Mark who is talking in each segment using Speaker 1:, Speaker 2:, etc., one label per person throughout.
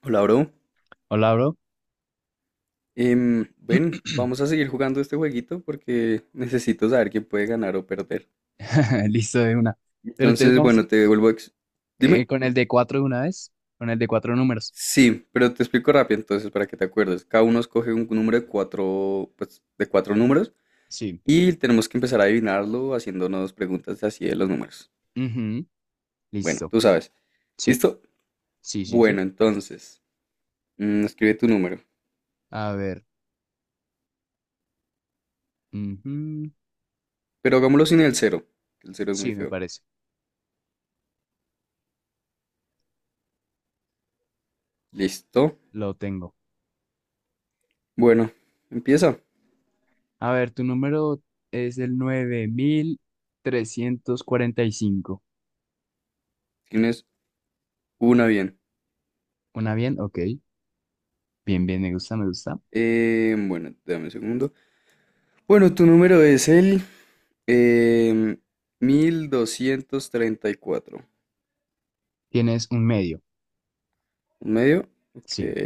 Speaker 1: Hola, bro.
Speaker 2: Hola, bro.
Speaker 1: Ven, vamos a seguir jugando este jueguito porque necesito saber quién puede ganar o perder.
Speaker 2: Listo de una. Pero entonces
Speaker 1: Entonces,
Speaker 2: vamos
Speaker 1: bueno, te devuelvo. Dime.
Speaker 2: con el de cuatro de una vez, con el de cuatro números.
Speaker 1: Sí, pero te explico rápido entonces para que te acuerdes. Cada uno escoge un número de cuatro, pues, de cuatro números
Speaker 2: Sí.
Speaker 1: y tenemos que empezar a adivinarlo haciéndonos preguntas así de los números.
Speaker 2: Ujú.
Speaker 1: Bueno,
Speaker 2: Listo.
Speaker 1: tú sabes.
Speaker 2: Sí,
Speaker 1: ¿Listo?
Speaker 2: sí, sí, sí.
Speaker 1: Bueno, entonces, escribe tu número.
Speaker 2: A ver. Ujú.
Speaker 1: Pero hagámoslo sin el cero, que el cero es muy
Speaker 2: Sí, me
Speaker 1: feo.
Speaker 2: parece.
Speaker 1: ¿Listo?
Speaker 2: Lo tengo.
Speaker 1: Bueno, empieza.
Speaker 2: A ver, tu número es el 9345.
Speaker 1: Tienes una bien.
Speaker 2: ¿Una bien? Ok. Bien, bien, me gusta, me gusta.
Speaker 1: Bueno, dame un segundo. Bueno, tu número es el em, 1234.
Speaker 2: Tienes un medio.
Speaker 1: ¿Un medio? Ok.
Speaker 2: Sí.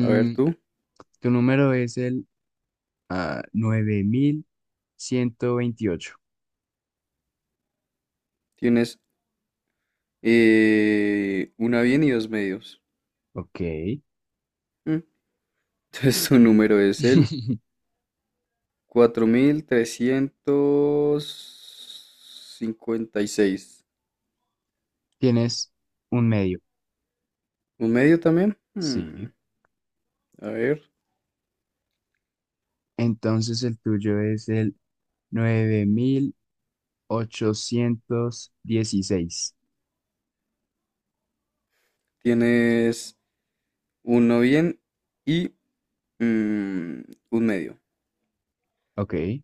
Speaker 1: A ver, tú
Speaker 2: tu número es el 9128.
Speaker 1: tienes una bien y dos medios.
Speaker 2: Ok.
Speaker 1: Mm. Entonces tu número es el 4356.
Speaker 2: Tienes un medio,
Speaker 1: ¿Un medio también? Mm,
Speaker 2: sí.
Speaker 1: A ver,
Speaker 2: Entonces el tuyo es el 9816.
Speaker 1: tienes uno bien y mm, un medio.
Speaker 2: Ok.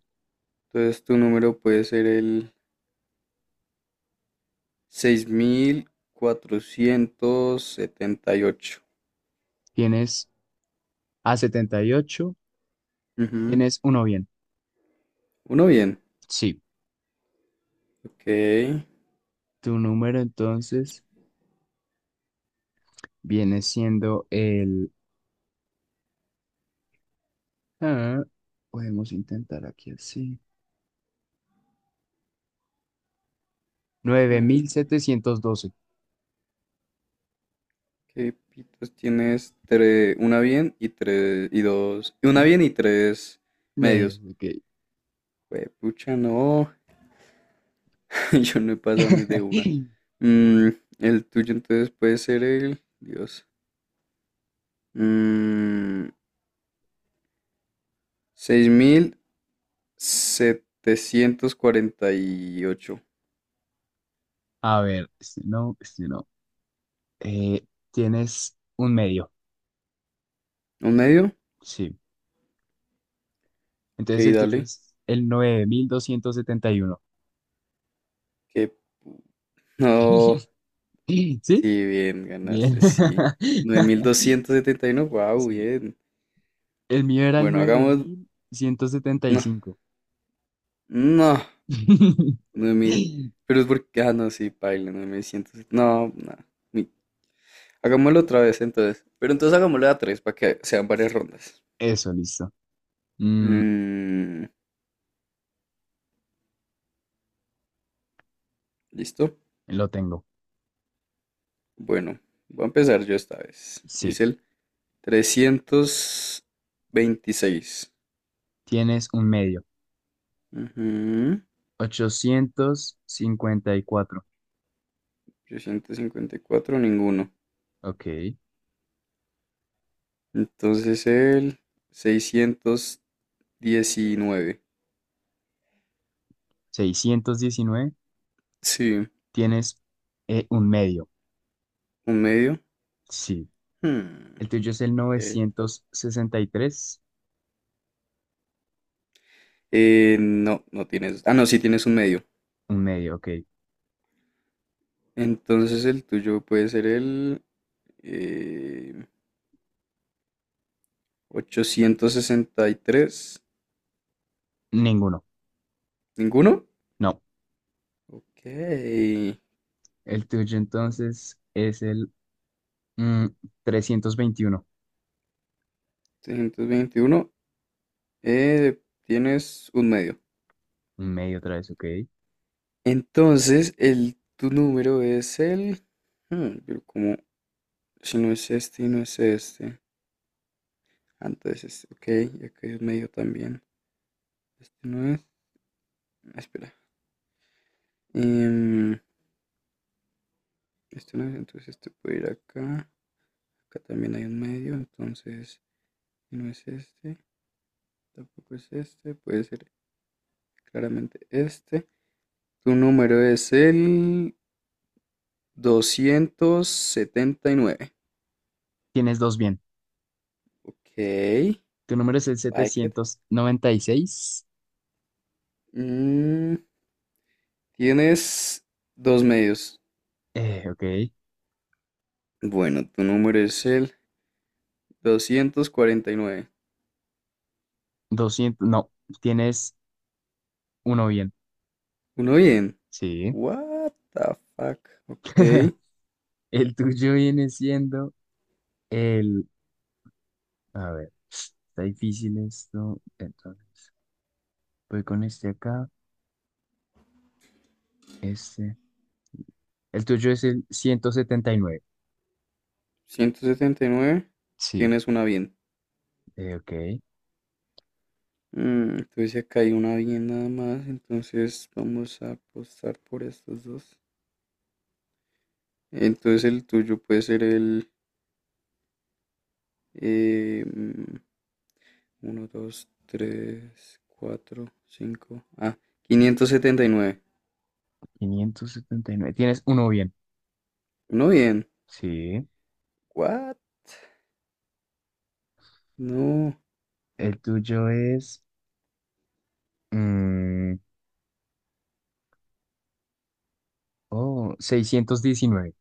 Speaker 1: Entonces tu número puede ser el 6478.
Speaker 2: Tienes a 78.
Speaker 1: Ujú.
Speaker 2: Tienes uno bien.
Speaker 1: Uno bien.
Speaker 2: Sí.
Speaker 1: Ok.
Speaker 2: Tu número entonces viene siendo el. ah, Podemos intentar aquí así. nueve
Speaker 1: Mm,
Speaker 2: mil setecientos doce,
Speaker 1: ¿Qué pitos tienes? Una bien y tres y dos. Y una bien y tres
Speaker 2: Medios.
Speaker 1: medios.
Speaker 2: Ok.
Speaker 1: Pucha, no. Yo no he pasado ni de una. Mm, el tuyo entonces puede ser el. Dios. Mm, seis mil setecientos cuarenta y ocho.
Speaker 2: A ver, este no, este no. Eh, tienes un medio,
Speaker 1: ¿Un medio?
Speaker 2: sí.
Speaker 1: Ok,
Speaker 2: Entonces el tuyo
Speaker 1: dale.
Speaker 2: es el 9271.
Speaker 1: Que no.
Speaker 2: ¿Sí?
Speaker 1: Sí, bien,
Speaker 2: Bien.
Speaker 1: ganaste, sí. 9271, wow,
Speaker 2: Sí.
Speaker 1: bien.
Speaker 2: El mío era el
Speaker 1: Bueno,
Speaker 2: nueve
Speaker 1: hagamos.
Speaker 2: mil ciento setenta y
Speaker 1: No,
Speaker 2: cinco.
Speaker 1: no. Nueve mil, pero es porque. Ah, no, sí, paila, 9100. No, no. mi- Hagámoslo otra vez, entonces. Pero entonces hagámoslo a tres para que sean varias rondas.
Speaker 2: Eso, listo. Mm,
Speaker 1: Mm, ¿listo?
Speaker 2: lo tengo.
Speaker 1: Bueno, voy a empezar yo esta vez.
Speaker 2: Sí.
Speaker 1: Es el 326.
Speaker 2: Tienes un medio.
Speaker 1: Ujú.
Speaker 2: 854.
Speaker 1: 354, ninguno.
Speaker 2: Ok.
Speaker 1: Entonces el 619.
Speaker 2: 619.
Speaker 1: Sí.
Speaker 2: Tienes un medio.
Speaker 1: ¿Un medio?
Speaker 2: Sí.
Speaker 1: Hmm,
Speaker 2: El tuyo es el
Speaker 1: ok.
Speaker 2: 963.
Speaker 1: No, no tienes. Ah, no, sí tienes un medio.
Speaker 2: Un medio. Ok.
Speaker 1: Entonces el tuyo puede ser el eh, 863.
Speaker 2: Ninguno.
Speaker 1: ¿Ninguno?
Speaker 2: No.
Speaker 1: Ok.
Speaker 2: El tuyo entonces es el mm, 321.
Speaker 1: 321. Tienes un medio.
Speaker 2: Un medio otra vez, ok.
Speaker 1: Entonces el tu número es el. Pero como si no es este y no es este. Ah, entonces, ok, y acá es medio también. Este no es. Ah, espera. Em, este no es, entonces este puede ir acá. Acá también hay un medio, entonces si no es este. Tampoco es este. Puede ser claramente este. Tu número es el 279.
Speaker 2: Tienes dos bien.
Speaker 1: Ok,
Speaker 2: Tu número es el
Speaker 1: like it.
Speaker 2: 796.
Speaker 1: Mm, tienes dos medios.
Speaker 2: Ok.
Speaker 1: Bueno, tu número es el 249.
Speaker 2: Doscientos. No, tienes uno bien.
Speaker 1: Uno bien.
Speaker 2: Sí.
Speaker 1: What the fuck. Ok.
Speaker 2: El tuyo viene siendo el. A ver, está difícil esto. Entonces, voy con este acá. Este. El tuyo es el 179.
Speaker 1: 179.
Speaker 2: Sí.
Speaker 1: Tienes una bien.
Speaker 2: Ok.
Speaker 1: Entonces acá hay una bien nada más. Entonces vamos a apostar por estos dos. Entonces el tuyo puede ser el eh, mm, uno dos tres cuatro cinco. Ah, 579.
Speaker 2: 579. Tienes uno bien.
Speaker 1: Uno bien.
Speaker 2: Sí.
Speaker 1: What? No.
Speaker 2: El tuyo es mm, oh, 619.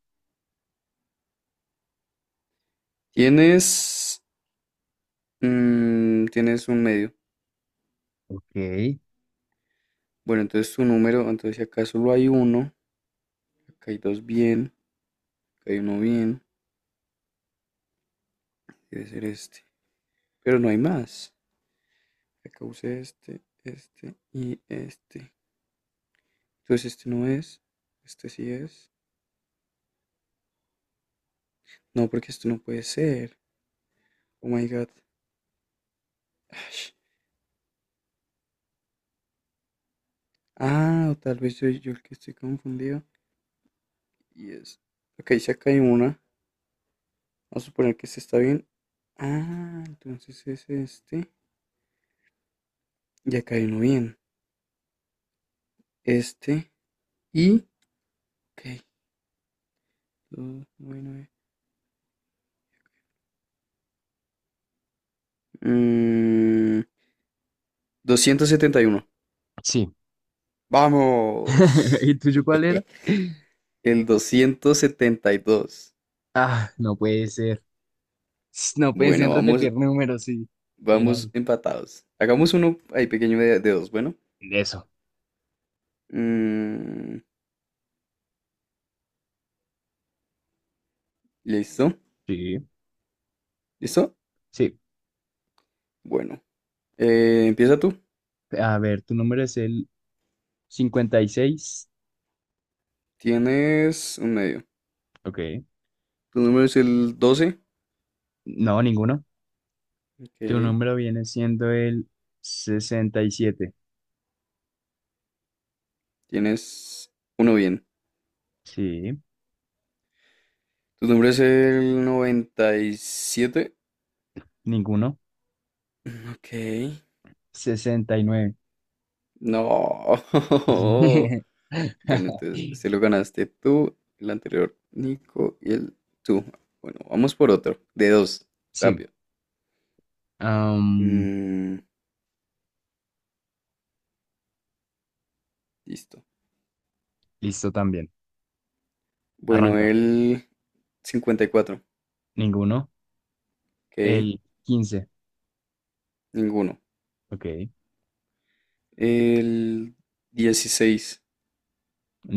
Speaker 1: Tienes. Tienes un medio.
Speaker 2: Ok.
Speaker 1: Bueno, entonces su número, entonces si acá solo hay uno, acá hay dos bien, acá hay uno bien, debe ser este. Pero no hay más. Acá usé este, este y este. Entonces este no es, este sí es. No, porque esto no puede ser. Oh my god. Ash. Ah, o tal vez yo el que estoy confundido. Y es. Ok, si acá hay una, vamos a suponer que este está bien. Ah, entonces es este. Y acá hay uno bien. Este y. Ok. Dos, nueve, nueve. Mm, 271.
Speaker 2: Sí. ¿Y
Speaker 1: Vamos.
Speaker 2: el tuyo cuál era?
Speaker 1: El 272.
Speaker 2: Ah, no puede ser. No pueden
Speaker 1: Bueno, vamos,
Speaker 2: repetir números, sí. Bien
Speaker 1: vamos
Speaker 2: ahí.
Speaker 1: empatados. Hagamos uno ahí pequeño de dos. Bueno.
Speaker 2: Eso.
Speaker 1: Mm, listo.
Speaker 2: Sí.
Speaker 1: ¿Listo?
Speaker 2: Sí.
Speaker 1: Bueno. Empieza tú.
Speaker 2: A ver, tu número es el 56.
Speaker 1: Tienes un medio.
Speaker 2: Ok.
Speaker 1: Tu número es el 12.
Speaker 2: No, ninguno. Tu
Speaker 1: Ok.
Speaker 2: número viene siendo el 67.
Speaker 1: Tienes uno bien.
Speaker 2: Sí.
Speaker 1: Tu número es el 97.
Speaker 2: Ninguno.
Speaker 1: Ok.
Speaker 2: 69.
Speaker 1: No. Bueno, entonces, este lo ganaste tú, el anterior Nico y el tú. Bueno, vamos por otro, de dos,
Speaker 2: Sí.
Speaker 1: rápido. Mm, listo.
Speaker 2: Listo también.
Speaker 1: Bueno,
Speaker 2: Arranca.
Speaker 1: el 54,
Speaker 2: Ninguno.
Speaker 1: ok,
Speaker 2: El 15.
Speaker 1: ninguno.
Speaker 2: Ok.
Speaker 1: El 16,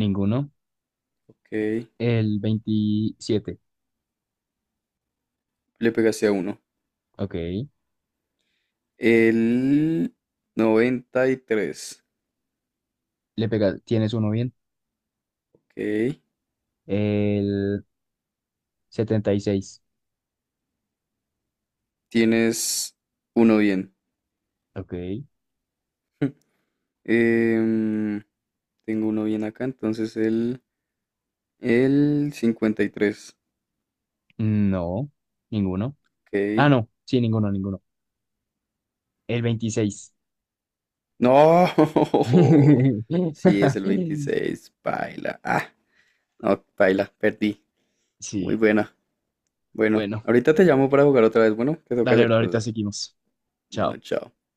Speaker 2: Ninguno.
Speaker 1: ok,
Speaker 2: El 27.
Speaker 1: le pegaste a uno.
Speaker 2: Ok.
Speaker 1: El 93,
Speaker 2: Le pega. ¿Tienes uno bien?
Speaker 1: ok,
Speaker 2: El 76.
Speaker 1: tienes uno bien.
Speaker 2: Ok.
Speaker 1: Em, tengo uno bien acá, entonces el 53.
Speaker 2: No. Ninguno.
Speaker 1: Ok.
Speaker 2: Ah, no. Sí, ninguno, ninguno. El 26.
Speaker 1: No. Sí, es el 26, Paila. Ah, no, paila. Perdí. Muy
Speaker 2: Sí.
Speaker 1: buena. Bueno,
Speaker 2: Bueno.
Speaker 1: ahorita te llamo para jugar otra vez. Bueno, que tengo que
Speaker 2: Dale, bro.
Speaker 1: hacer
Speaker 2: Ahorita
Speaker 1: cosas.
Speaker 2: seguimos.
Speaker 1: Bueno,
Speaker 2: Chao.
Speaker 1: chao.